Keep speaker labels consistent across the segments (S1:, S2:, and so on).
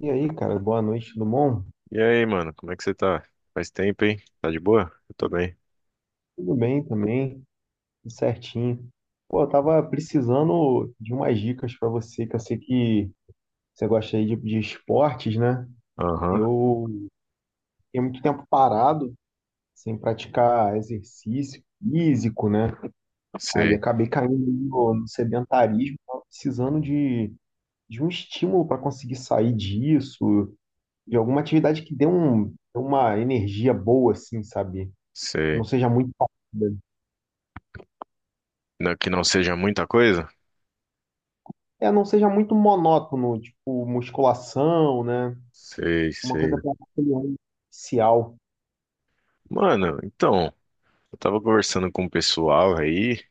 S1: E aí, cara, boa noite, tudo bom?
S2: E aí, mano, como é que você tá? Faz tempo, hein? Tá de boa? Eu tô bem.
S1: Tudo bem também, tudo certinho. Pô, eu tava precisando de umas dicas pra você, que eu sei que você gosta aí de esportes, né?
S2: Aham,
S1: Eu fiquei muito tempo parado, sem praticar exercício físico, né? Aí
S2: sei,
S1: acabei caindo no sedentarismo, tava precisando de um estímulo para conseguir sair disso, de alguma atividade que dê uma energia boa, assim, sabe? Que não
S2: sei.
S1: seja muito parada.
S2: Que não seja muita coisa?
S1: É, não seja muito monótono, tipo musculação, né?
S2: Sei,
S1: Uma coisa
S2: sei.
S1: para inicial.
S2: Mano, então, eu tava conversando com o pessoal aí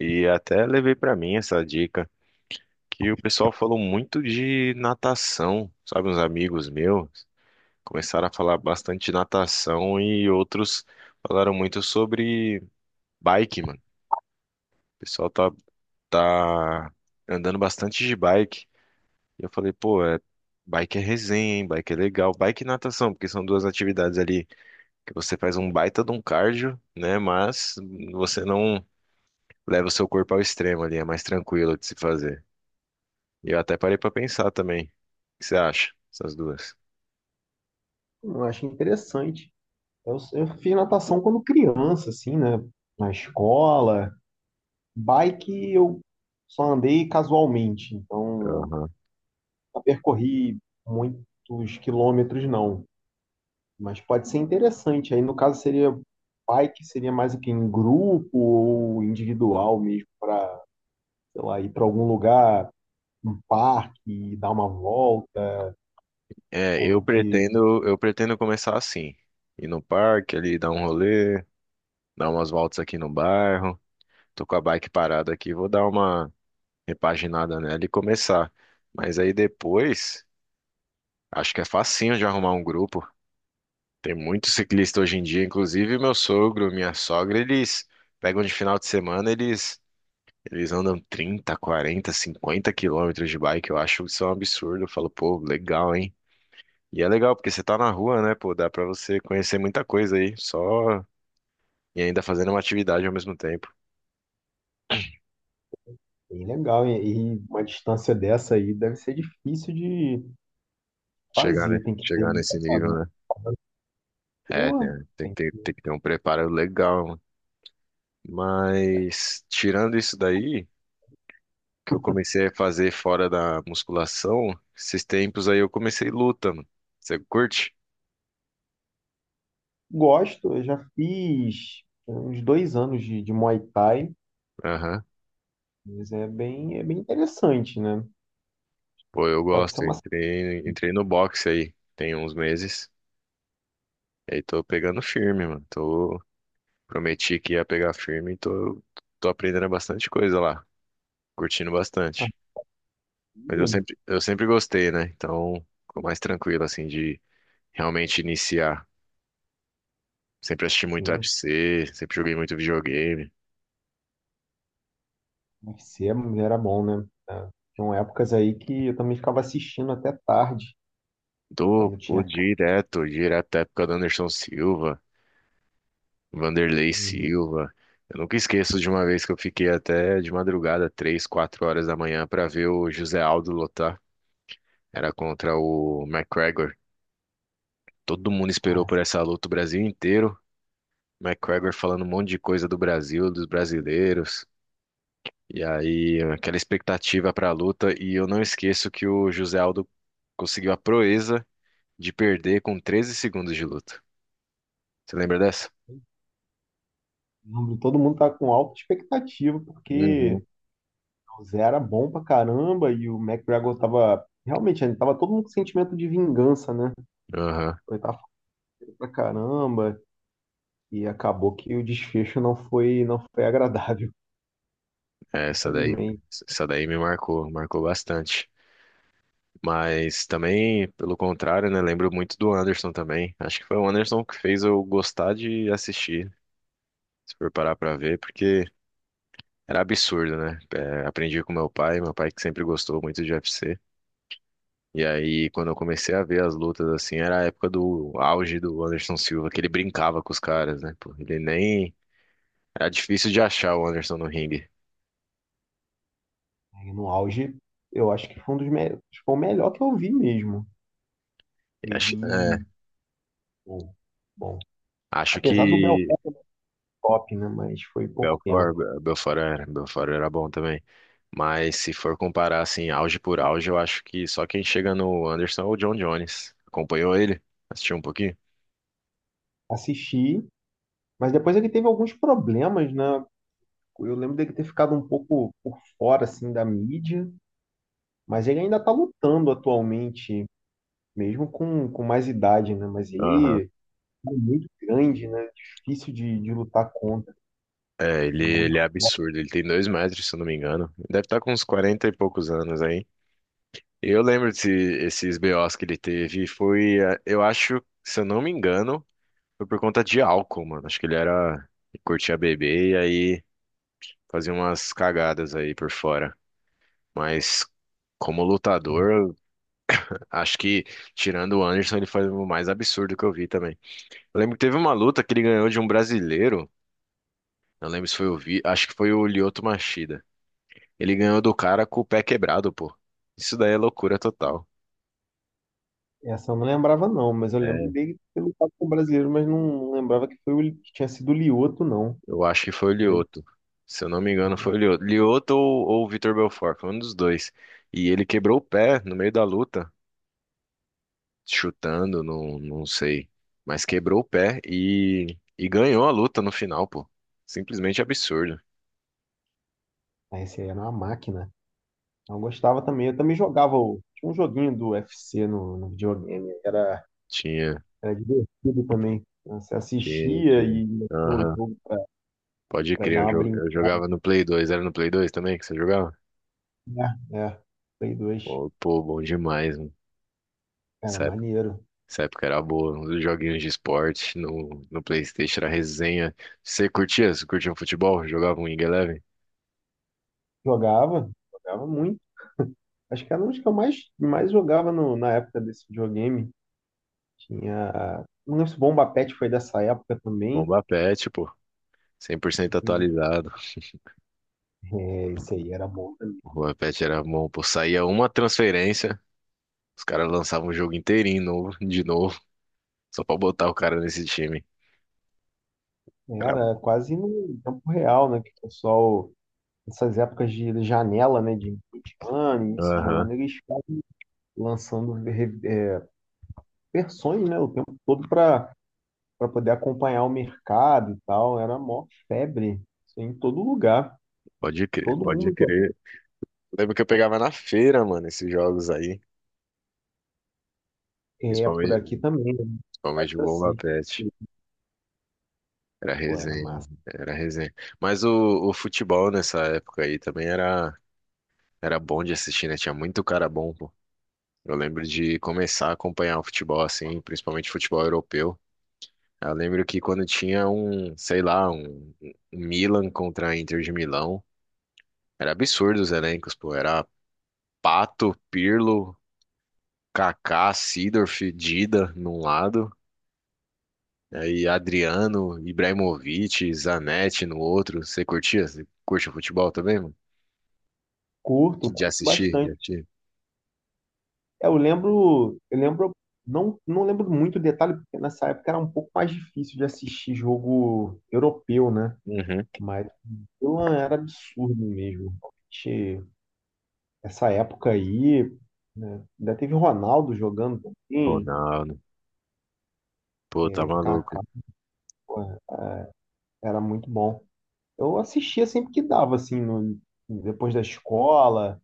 S2: e até levei pra mim essa dica que o pessoal falou muito de natação, sabe? Uns amigos meus começaram a falar bastante de natação e outros falaram muito sobre bike, mano. O pessoal tá andando bastante de bike. E eu falei, pô, é, bike é resenha, hein? Bike é legal. Bike e natação, porque são duas atividades ali que você faz um baita de um cardio, né? Mas você não leva o seu corpo ao extremo ali, é mais tranquilo de se fazer. E eu até parei pra pensar também. O que você acha? Essas duas.
S1: Eu acho interessante. Eu fiz natação quando criança, assim, né? Na escola. Bike eu só andei casualmente, então
S2: Aham.
S1: não percorri muitos quilômetros, não. Mas pode ser interessante. Aí, no caso, seria bike, seria mais o que em grupo ou individual mesmo, para, sei lá, ir para algum lugar, um parque, dar uma volta,
S2: É, eu
S1: como que
S2: pretendo, eu pretendo começar assim. Ir no parque ali, dar um rolê, dar umas voltas aqui no bairro. Tô com a bike parada aqui, vou dar uma repaginada nela e começar. Mas aí depois. Acho que é facinho de arrumar um grupo. Tem muito ciclista hoje em dia, inclusive meu sogro, minha sogra, eles pegam de final de semana, eles andam 30, 40, 50 quilômetros de bike. Eu acho isso um absurdo. Eu falo, pô, legal, hein? E é legal porque você tá na rua, né, pô, dá pra você conhecer muita coisa aí, só e ainda fazendo uma atividade ao mesmo tempo.
S1: bem legal. E uma distância dessa aí deve ser difícil de
S2: Chegar, né?
S1: fazer, tem que ter
S2: Chegar nesse
S1: muita
S2: nível,
S1: cabeça.
S2: né? É, tem,
S1: Pô,
S2: tem que
S1: tem-
S2: ter, tem que ter um preparo legal. Mas tirando isso daí, que eu comecei a fazer fora da musculação, esses tempos aí eu comecei luta, mano. Você curte?
S1: gosto, eu já fiz uns dois anos de Muay Thai,
S2: Aham.
S1: mas é bem interessante, né?
S2: Pô, eu
S1: Pode ser
S2: gosto.
S1: uma
S2: Entrei no boxe aí, tem uns meses. E aí tô pegando firme, mano. Prometi que ia pegar firme e tô aprendendo bastante coisa lá. Curtindo bastante. Mas eu
S1: academia,
S2: sempre, eu sempre gostei, né? Então, ficou mais tranquilo, assim, de realmente iniciar. Sempre assisti muito
S1: sim,
S2: UFC, sempre joguei muito videogame.
S1: UFC era bom, né? Ah, tinham épocas aí que eu também ficava assistindo até tarde, quando tinha
S2: Pô,
S1: a
S2: direto da época do Anderson Silva, Vanderlei
S1: academia dele.
S2: Silva. Eu nunca esqueço de uma vez que eu fiquei até de madrugada, três, quatro horas da manhã, pra ver o José Aldo lutar. Era contra o McGregor. Todo mundo esperou
S1: Ah,
S2: por essa luta, o Brasil inteiro. McGregor falando um monte de coisa do Brasil, dos brasileiros. E aí, aquela expectativa pra luta. E eu não esqueço que o José Aldo conseguiu a proeza de perder com 13 segundos de luta. Você lembra dessa?
S1: eu lembro, todo mundo tá com alta expectativa,
S2: Uhum.
S1: porque o Zé era bom pra caramba e o McGregor tava. Realmente, ele tava, todo mundo com sentimento de vingança, né?
S2: Aham.
S1: Ele tava falando pra caramba e acabou que o desfecho não foi agradável,
S2: É, Essa daí,
S1: infelizmente.
S2: essa daí me marcou, marcou bastante. Mas também, pelo contrário, né? Lembro muito do Anderson também. Acho que foi o Anderson que fez eu gostar de assistir, se for parar pra ver, porque era absurdo, né? É, aprendi com meu pai que sempre gostou muito de UFC. E aí, quando eu comecei a ver as lutas, assim, era a época do auge do Anderson Silva, que ele brincava com os caras, né? Pô, ele nem. Era difícil de achar o Anderson no ringue.
S1: E no auge, eu acho que foi um acho que foi o melhor que eu vi mesmo. E,
S2: Acho, é,
S1: e- Bom, bom,
S2: acho
S1: apesar do
S2: que
S1: Belfort top, né? Mas foi pouco
S2: Belfort,
S1: tempo.
S2: Be- Belfort era, Belfort era bom também. Mas se for comparar assim, auge por auge, eu acho que só quem chega no Anderson é o John Jones. Acompanhou ele? Assistiu um pouquinho?
S1: Assisti, mas depois ele teve alguns problemas, né? Eu lembro dele ter ficado um pouco por fora, assim, da mídia. Mas ele ainda está lutando atualmente, mesmo com mais idade, né? Mas
S2: Aham.
S1: ele é muito grande, né? Difícil de lutar contra.
S2: É, ele
S1: Muito
S2: é
S1: forte.
S2: absurdo. Ele tem 2 metros, se eu não me engano. Deve estar com uns 40 e poucos anos aí. E eu lembro esses BOs que ele teve. Foi, eu acho, se eu não me engano, foi por conta de álcool, mano. Acho que ele curtia beber e aí fazia umas cagadas aí por fora. Mas como lutador, acho que, tirando o Anderson, ele foi o mais absurdo que eu vi também. Eu lembro que teve uma luta que ele ganhou de um brasileiro. Não lembro se foi o Vi, acho que foi o Lyoto Machida. Ele ganhou do cara com o pé quebrado, pô. Isso daí é loucura total.
S1: Essa eu não lembrava, não, mas eu lembro
S2: É,
S1: dele ter lutado com o brasileiro, mas não lembrava que foi que tinha sido o Lioto, não.
S2: eu acho que foi o
S1: Mas ele,
S2: Lyoto. Se eu não me engano, foi o Lyoto. Lyoto ou o Vitor Belfort, foi um dos dois. E ele quebrou o pé no meio da luta, chutando, não, não sei. Mas quebrou o pé e ganhou a luta no final, pô. Simplesmente absurdo.
S1: ah, esse aí era uma máquina. Eu gostava também, eu também tinha um joguinho do UFC no videogame, era,
S2: Tinha.
S1: era divertido também. Você
S2: Tinha,
S1: assistia
S2: tinha.
S1: e metia o
S2: Aham.
S1: jogo
S2: Pode
S1: pra ir
S2: crer,
S1: dar uma brincada.
S2: eu jogava no Play 2. Era no Play 2 também que você jogava?
S1: É, é, Play 2.
S2: Pô, pô, bom demais, mano.
S1: Era
S2: Essa época,
S1: maneiro.
S2: essa época era boa. Os joguinhos de esporte no PlayStation era resenha. Você curtia? Você curtia um futebol? Jogava um Wing Eleven?
S1: Jogava, jogava muito. Acho que era um dos que eu mais jogava na época desse videogame. Tinha. Não lembro se o Bomba Pet foi dessa época também.
S2: Bomba Pet, pô. 100%
S1: Acredito.
S2: atualizado.
S1: É, isso aí era bom também.
S2: O Bomba Pet era bom, pô. Saía uma transferência, os caras lançavam o jogo inteirinho novo, de novo, só pra botar o cara nesse time. Era.
S1: Era quase no tempo real, né? Que o pessoal, nessas épocas de janela, né? De início de
S2: Aham.
S1: ano, eles ficam lançando versões, né? O tempo todo para poder acompanhar o mercado e tal. Era mó febre. Isso aí em todo lugar.
S2: Pode crer,
S1: Todo
S2: pode
S1: mundo.
S2: crer. Lembro que eu pegava na feira, mano, esses jogos aí.
S1: É, por
S2: Principalmente,
S1: aqui também, eu me
S2: principalmente o
S1: lembro
S2: Bomba
S1: assim,
S2: Pet. Era
S1: pô, era
S2: resenha,
S1: massa.
S2: era resenha. Mas o futebol nessa época aí também era bom de assistir, né? Tinha muito cara bom, pô. Eu lembro de começar a acompanhar o futebol assim, principalmente futebol europeu. Eu lembro que quando tinha um, sei lá, um Milan contra a Inter de Milão, era absurdo os elencos, pô. Era Pato, Pirlo, Kaká, Seedorf, Dida num lado. Aí Adriano, Ibrahimovic, Zanetti no outro. Você curtia? Você curte o futebol também, mano?
S1: Curto,
S2: De
S1: curto
S2: assistir, de
S1: bastante.
S2: assistir.
S1: É, eu lembro, não, não lembro muito o detalhe, porque nessa época era um pouco mais difícil de assistir jogo europeu, né?
S2: Uhum.
S1: Mas pô, era absurdo mesmo. Realmente, essa época aí, né? Ainda teve Ronaldo jogando também,
S2: Ronaldo. Pô, tá
S1: é, Kaká,
S2: maluco.
S1: pô, era muito bom. Eu assistia sempre que dava, assim, depois da escola.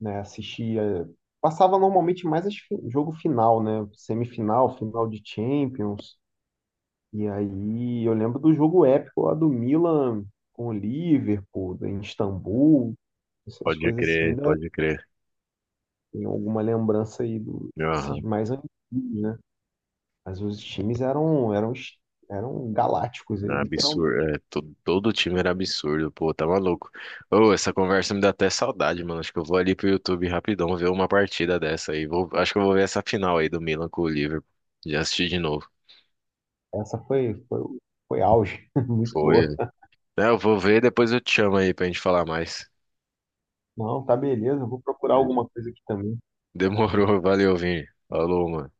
S1: Né? Assistia, passava normalmente mais as jogo final, né? Semifinal, final de Champions. E aí eu lembro do jogo épico lá do Milan com o Liverpool, em Istambul, essas
S2: Pode
S1: coisas assim,
S2: crer,
S1: ainda
S2: pode crer.
S1: tem alguma lembrança aí desses
S2: Aham.
S1: mais antigos, né? Mas os times eram galácticos
S2: É
S1: aí, literalmente.
S2: absurdo. É, todo time era absurdo. Pô, tá maluco. Ô, essa conversa me dá até saudade, mano. Acho que eu vou ali pro YouTube rapidão ver uma partida dessa aí. Acho que eu vou ver essa final aí do Milan com o Liverpool. Já assisti de novo.
S1: Essa foi foi, foi auge, muito
S2: Foi.
S1: boa.
S2: É, eu vou ver, depois eu te chamo aí pra gente falar mais.
S1: Não, tá beleza, eu vou procurar alguma coisa aqui também.
S2: Demorou, valeu, Vini. Falou, mano.